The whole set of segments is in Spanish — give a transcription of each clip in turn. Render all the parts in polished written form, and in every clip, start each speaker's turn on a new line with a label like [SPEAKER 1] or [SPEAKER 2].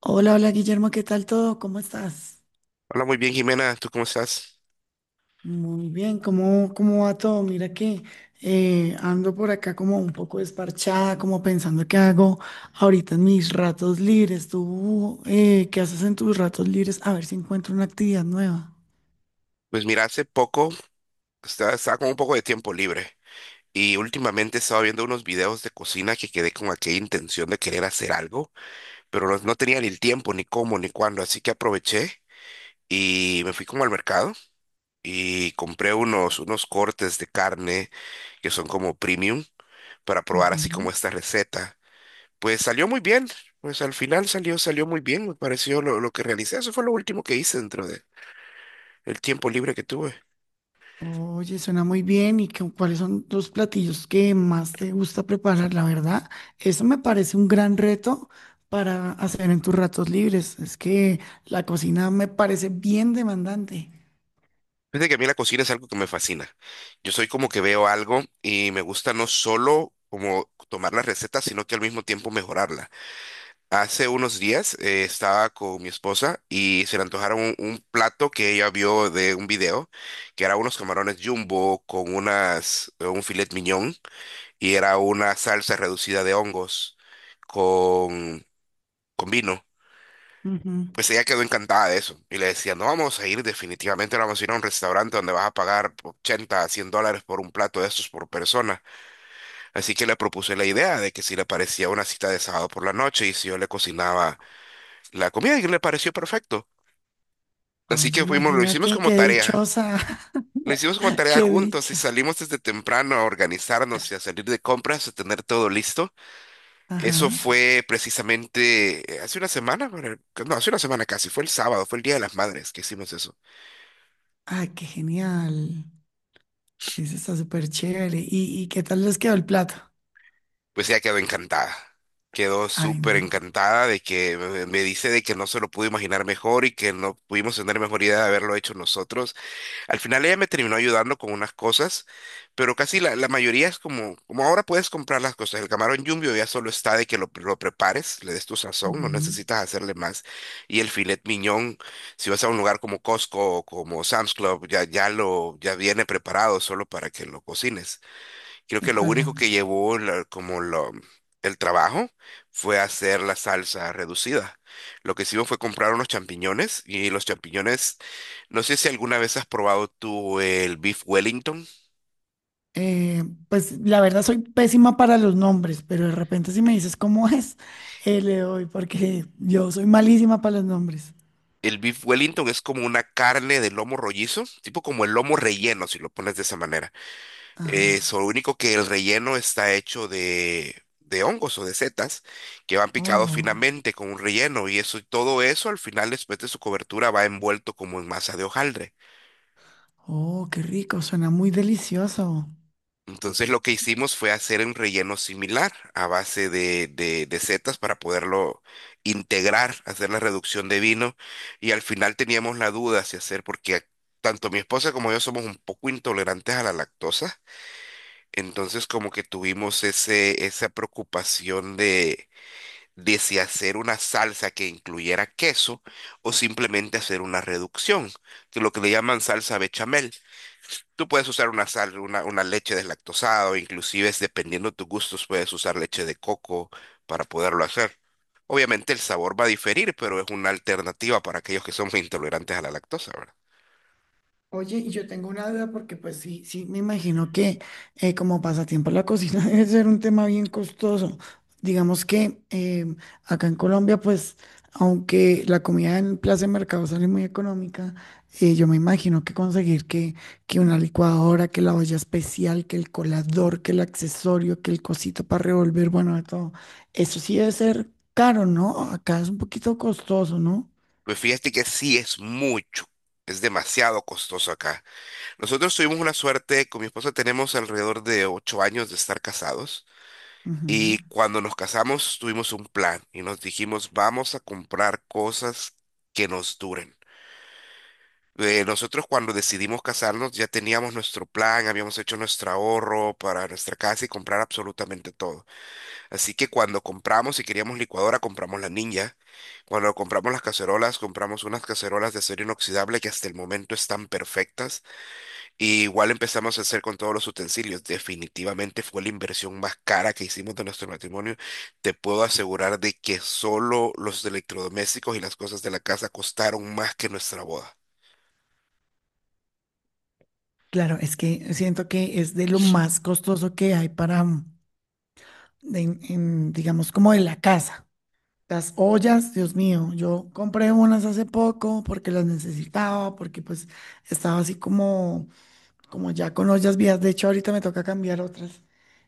[SPEAKER 1] Hola, hola Guillermo, ¿qué tal todo? ¿Cómo estás?
[SPEAKER 2] Hola, muy bien, Jimena. ¿Tú cómo estás?
[SPEAKER 1] Muy bien, ¿cómo va todo? Mira que ando por acá como un poco desparchada, como pensando qué hago ahorita en mis ratos libres. ¿Tú qué haces en tus ratos libres? A ver si encuentro una actividad nueva.
[SPEAKER 2] Pues mira, hace poco estaba con un poco de tiempo libre y últimamente estaba viendo unos videos de cocina que quedé con aquella intención de querer hacer algo, pero no tenía ni el tiempo, ni cómo, ni cuándo, así que aproveché y me fui como al mercado y compré unos cortes de carne que son como premium para probar así como
[SPEAKER 1] Ujú.
[SPEAKER 2] esta receta. Pues salió muy bien, pues al final salió muy bien, me pareció lo que realicé. Eso fue lo último que hice dentro de el tiempo libre que tuve.
[SPEAKER 1] Oye, suena muy bien. ¿ Cuáles son los platillos que más te gusta preparar? La verdad, eso me parece un gran reto para hacer en tus ratos libres. Es que la cocina me parece bien demandante.
[SPEAKER 2] Fíjate que a mí la cocina es algo que me fascina. Yo soy como que veo algo y me gusta no solo como tomar la receta, sino que al mismo tiempo mejorarla. Hace unos días estaba con mi esposa y se le antojaron un plato que ella vio de un video, que era unos camarones jumbo con un filet mignon y era una salsa reducida de hongos con, con vino.
[SPEAKER 1] Ujú.
[SPEAKER 2] Pues ella quedó encantada de eso y le decía, no vamos a ir, definitivamente no vamos a ir a un restaurante donde vas a pagar $80 a $100 por un plato de estos por persona. Así que le propuse la idea de que si le parecía una cita de sábado por la noche y si yo le cocinaba la comida y le pareció perfecto. Así
[SPEAKER 1] Oye,
[SPEAKER 2] que fuimos, lo hicimos
[SPEAKER 1] imagínate
[SPEAKER 2] como
[SPEAKER 1] qué
[SPEAKER 2] tarea,
[SPEAKER 1] dichosa,
[SPEAKER 2] lo hicimos como tarea
[SPEAKER 1] qué
[SPEAKER 2] juntos y
[SPEAKER 1] dicha.
[SPEAKER 2] salimos desde temprano a organizarnos y a salir de compras, a tener todo listo. Eso
[SPEAKER 1] Ajá.
[SPEAKER 2] fue precisamente hace una semana, bueno, no, hace una semana casi, fue el sábado, fue el Día de las Madres que hicimos eso.
[SPEAKER 1] Ay, qué genial. Eso está súper chévere. Y qué tal les quedó el plato?
[SPEAKER 2] Pues ella quedó encantada. Quedó
[SPEAKER 1] Ay,
[SPEAKER 2] súper
[SPEAKER 1] no.
[SPEAKER 2] encantada de que me dice de que no se lo pudo imaginar mejor y que no pudimos tener mejor idea de haberlo hecho nosotros. Al final ella me terminó ayudando con unas cosas, pero casi la mayoría es como, como ahora puedes comprar las cosas. El camarón jumbo ya solo está de que lo prepares, le des tu sazón, no
[SPEAKER 1] Ujú.
[SPEAKER 2] necesitas hacerle más. Y el filet mignon, si vas a un lugar como Costco o como Sam's Club, ya ya viene preparado solo para que lo cocines. Creo
[SPEAKER 1] De
[SPEAKER 2] que lo
[SPEAKER 1] acuerdo.
[SPEAKER 2] único que llevó el trabajo fue hacer la salsa reducida. Lo que hicimos fue comprar unos champiñones y los champiñones, no sé si alguna vez has probado tú el beef Wellington.
[SPEAKER 1] Pues la verdad soy pésima para los nombres, pero de repente si me dices cómo es, le doy, porque yo soy malísima para los nombres.
[SPEAKER 2] El beef Wellington es como una carne de lomo rollizo, tipo como el lomo relleno, si lo pones de esa manera.
[SPEAKER 1] Ajá.
[SPEAKER 2] Eso, lo único que el relleno está hecho de hongos o de setas que van picados
[SPEAKER 1] Oh,
[SPEAKER 2] finamente con un relleno y eso, y todo eso al final después de su cobertura va envuelto como en masa de hojaldre.
[SPEAKER 1] oh, qué rico, suena muy delicioso.
[SPEAKER 2] Entonces lo que hicimos fue hacer un relleno similar a base de setas para poderlo integrar, hacer la reducción de vino y al final teníamos la duda si hacer porque tanto mi esposa como yo somos un poco intolerantes a la lactosa. Entonces como que tuvimos esa preocupación de si hacer una salsa que incluyera queso o simplemente hacer una reducción, que lo que le llaman salsa bechamel. Tú puedes usar una leche deslactosada o inclusive es dependiendo de tus gustos puedes usar leche de coco para poderlo hacer. Obviamente el sabor va a diferir, pero es una alternativa para aquellos que somos intolerantes a la lactosa, ¿verdad?
[SPEAKER 1] Oye, y yo tengo una duda porque pues sí, sí, me imagino que como pasatiempo la cocina debe ser un tema bien costoso. Digamos que acá en Colombia pues aunque la comida en plaza de mercado sale muy económica, yo me imagino que conseguir que una licuadora, que la olla especial, que el colador, que el accesorio, que el cosito para revolver, bueno, de todo, eso sí debe ser caro, ¿no? Acá es un poquito costoso, no.
[SPEAKER 2] Pues fíjate que sí es mucho, es demasiado costoso acá. Nosotros tuvimos una suerte, con mi esposa tenemos alrededor de 8 años de estar casados
[SPEAKER 1] Ujú.
[SPEAKER 2] y cuando nos casamos tuvimos un plan y nos dijimos vamos a comprar cosas que nos duren. Nosotros cuando decidimos casarnos ya teníamos nuestro plan, habíamos hecho nuestro ahorro para nuestra casa y comprar absolutamente todo. Así que cuando compramos, si queríamos licuadora, compramos la Ninja. Cuando compramos las cacerolas, compramos unas cacerolas de acero inoxidable que hasta el momento están perfectas. Y igual empezamos a hacer con todos los utensilios. Definitivamente fue la inversión más cara que hicimos de nuestro matrimonio. Te puedo asegurar de que solo los electrodomésticos y las cosas de la casa costaron más que nuestra boda.
[SPEAKER 1] Claro, es que siento que es de lo más costoso que hay para, mm, digamos, como en la casa. Las ollas, Dios mío, yo compré unas hace poco porque las necesitaba, porque pues estaba así como como ya con las vías, de hecho ahorita me toca cambiar otras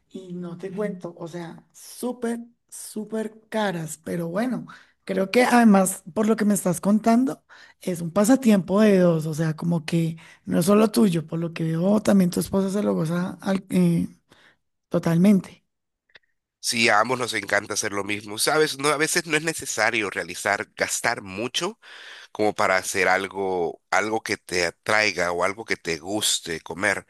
[SPEAKER 1] y no te cuento, o sea, súper, súper caras, pero bueno, creo que además por lo que me estás contando es un pasatiempo de dos, o sea, como que no es solo tuyo, por lo que veo también tu esposa se lo goza totalmente.
[SPEAKER 2] Sí, a ambos nos encanta hacer lo mismo. Sabes, no, a veces no es necesario realizar, gastar mucho como para hacer algo, algo que te atraiga o algo que te guste comer.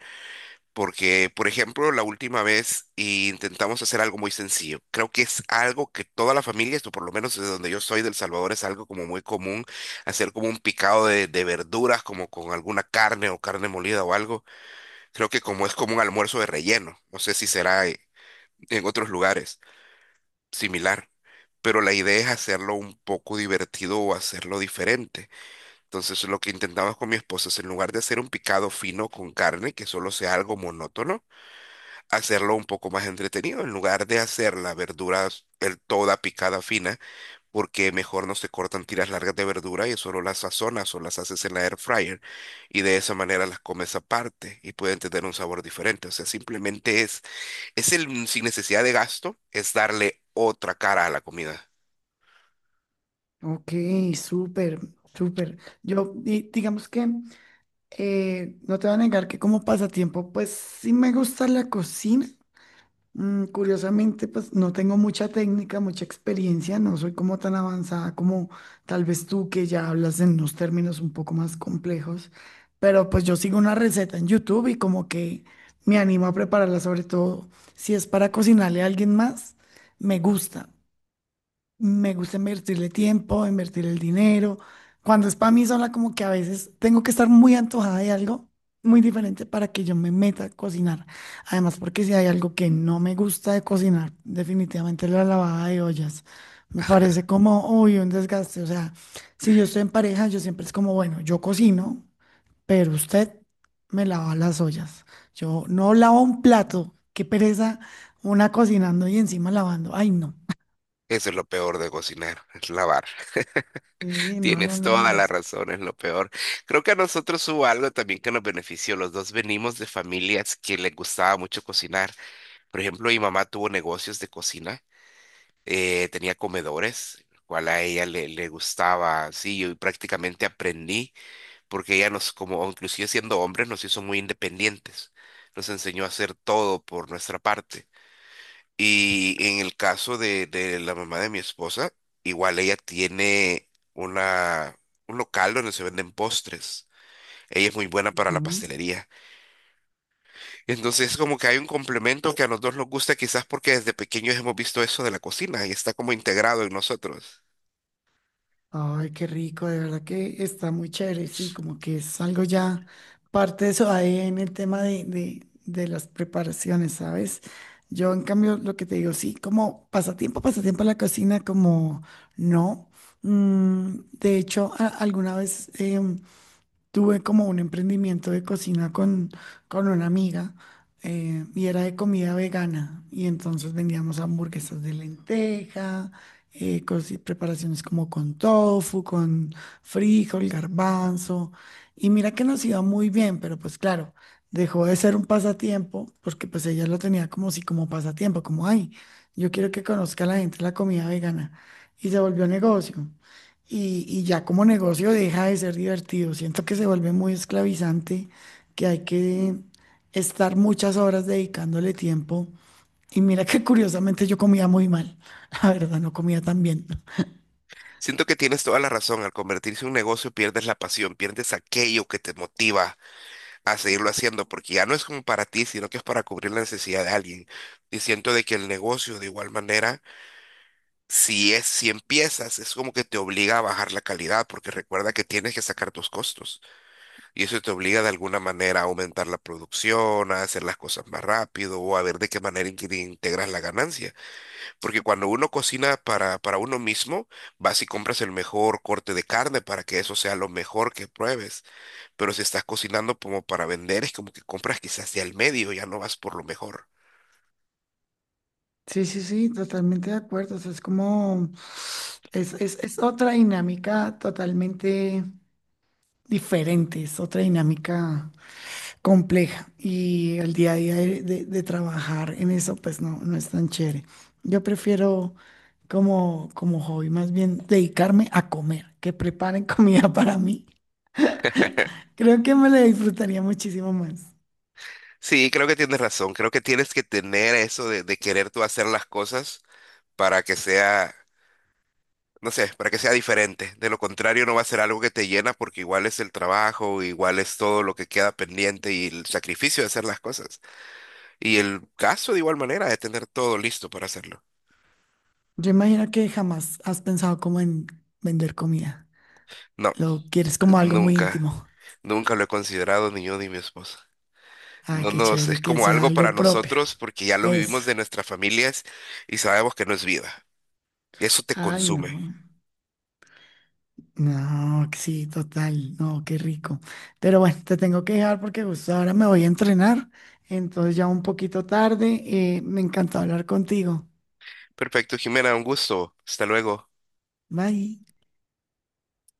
[SPEAKER 2] Porque, por ejemplo, la última vez intentamos hacer algo muy sencillo. Creo que es algo que toda la familia, esto por lo menos desde donde yo soy, del Salvador, es algo como muy común, hacer como un picado de verduras, como con alguna carne o carne molida o algo. Creo que como es como un almuerzo de relleno. No sé si será en otros lugares similar, pero la idea es hacerlo un poco divertido o hacerlo diferente. Entonces, lo que intentamos con mi esposa es en lugar de hacer un picado fino con carne, que solo sea algo monótono, hacerlo un poco más entretenido, en lugar de hacer la verdura el toda picada fina, porque mejor no se cortan tiras largas de verdura y solo las sazonas o las haces en la air fryer y de esa manera las comes aparte y pueden tener un sabor diferente. O sea, simplemente es el, sin necesidad de gasto, es darle otra cara a la comida.
[SPEAKER 1] Ok, súper, súper. Digamos que no te voy a negar que como pasatiempo, pues sí me gusta la cocina. Mm, curiosamente, pues no tengo mucha técnica, mucha experiencia, no soy como tan avanzada como tal vez tú que ya hablas en unos términos un poco más complejos, pero pues yo sigo una receta en YouTube y como que me animo a prepararla, sobre todo si es para cocinarle a alguien más, me gusta. Me gusta invertirle tiempo, invertir el dinero. Cuando es para mí sola, como que a veces tengo que estar muy antojada de algo muy diferente para que yo me meta a cocinar. Además, porque si hay algo que no me gusta de cocinar, definitivamente la lavada de ollas. Me parece como, uy, un desgaste. O sea, si yo estoy en pareja, yo siempre es como, bueno, yo cocino, pero usted me lava las ollas. Yo no lavo un plato. Qué pereza una cocinando y encima lavando. Ay, no.
[SPEAKER 2] Eso es lo peor de cocinar, es lavar.
[SPEAKER 1] Sí, no, no,
[SPEAKER 2] Tienes toda la
[SPEAKER 1] no.
[SPEAKER 2] razón, es lo peor. Creo que a nosotros hubo algo también que nos benefició. Los dos venimos de familias que les gustaba mucho cocinar. Por ejemplo, mi mamá tuvo negocios de cocina, tenía comedores, cual a ella le gustaba, sí, yo prácticamente aprendí, porque ella nos, como inclusive siendo hombres, nos hizo muy independientes, nos enseñó a hacer todo por nuestra parte. Y en el caso de la mamá de mi esposa, igual ella tiene un local donde se venden postres. Ella es muy buena para la
[SPEAKER 1] Mm.
[SPEAKER 2] pastelería. Entonces es como que hay un complemento que a los dos nos gusta, quizás porque desde pequeños hemos visto eso de la cocina y está como integrado en nosotros.
[SPEAKER 1] Ay, qué rico, de verdad que está muy chévere, sí, como que es algo ya parte de eso ahí en el tema de las preparaciones, ¿sabes? Yo, en cambio, lo que te digo, sí, como pasatiempo, pasatiempo a la cocina, como no. Mm, de hecho, alguna vez tuve como un emprendimiento de cocina con una amiga y era de comida vegana y entonces vendíamos hamburguesas de lenteja, preparaciones como con tofu, con frijol, garbanzo y mira que nos iba muy bien, pero pues claro, dejó de ser un pasatiempo porque pues ella lo tenía como si como pasatiempo, como ay, yo quiero que conozca la gente la comida vegana y se volvió negocio y ya como negocio deja de ser divertido. Siento que se vuelve muy esclavizante, que hay que estar muchas horas dedicándole tiempo. Y mira que curiosamente yo comía muy mal, la verdad, no comía tan bien.
[SPEAKER 2] Siento que tienes toda la razón, al convertirse en un negocio pierdes la pasión, pierdes aquello que te motiva a seguirlo haciendo, porque ya no es como para ti, sino que es para cubrir la necesidad de alguien. Y siento de que el negocio de igual manera, si empiezas, es como que te obliga a bajar la calidad, porque recuerda que tienes que sacar tus costos. Y eso te obliga de alguna manera a aumentar la producción, a hacer las cosas más rápido o a ver de qué manera que integras la ganancia. Porque cuando uno cocina para uno mismo, vas y compras el mejor corte de carne para que eso sea lo mejor que pruebes. Pero si estás cocinando como para vender, es como que compras quizás de al medio, ya no vas por lo mejor.
[SPEAKER 1] Sí, sí, sí, totalmente de acuerdo. O sea, es como, es otra dinámica totalmente diferente, es otra dinámica compleja y el día a día de trabajar en eso pues no, no es tan chévere. Yo prefiero como, como hobby más bien dedicarme a comer, que preparen comida para mí. Creo que me la disfrutaría muchísimo más.
[SPEAKER 2] Sí, creo que tienes razón. Creo que tienes que tener eso de querer tú hacer las cosas para que sea no sé, para que sea diferente. De lo contrario, no va a ser algo que te llena porque igual es el trabajo, igual es todo lo que queda pendiente y el sacrificio de hacer las cosas. Y el caso de igual manera de tener todo listo para hacerlo.
[SPEAKER 1] Yo imagino que jamás has pensado como en vender comida.
[SPEAKER 2] No,
[SPEAKER 1] Lo quieres como algo muy
[SPEAKER 2] nunca,
[SPEAKER 1] íntimo.
[SPEAKER 2] nunca lo he considerado ni yo ni mi esposa.
[SPEAKER 1] Ay,
[SPEAKER 2] No
[SPEAKER 1] qué
[SPEAKER 2] nos,
[SPEAKER 1] chévere,
[SPEAKER 2] Es
[SPEAKER 1] que
[SPEAKER 2] como
[SPEAKER 1] sea
[SPEAKER 2] algo para
[SPEAKER 1] algo propio.
[SPEAKER 2] nosotros porque ya lo
[SPEAKER 1] Eso.
[SPEAKER 2] vivimos de nuestras familias y sabemos que no es vida. Eso te
[SPEAKER 1] Ay, no.
[SPEAKER 2] consume.
[SPEAKER 1] No, sí, total, no, qué rico. Pero bueno, te tengo que dejar porque justo ahora me voy a entrenar, entonces ya un poquito tarde, me encantó hablar contigo.
[SPEAKER 2] Perfecto, Jimena, un gusto. Hasta luego.
[SPEAKER 1] Bye.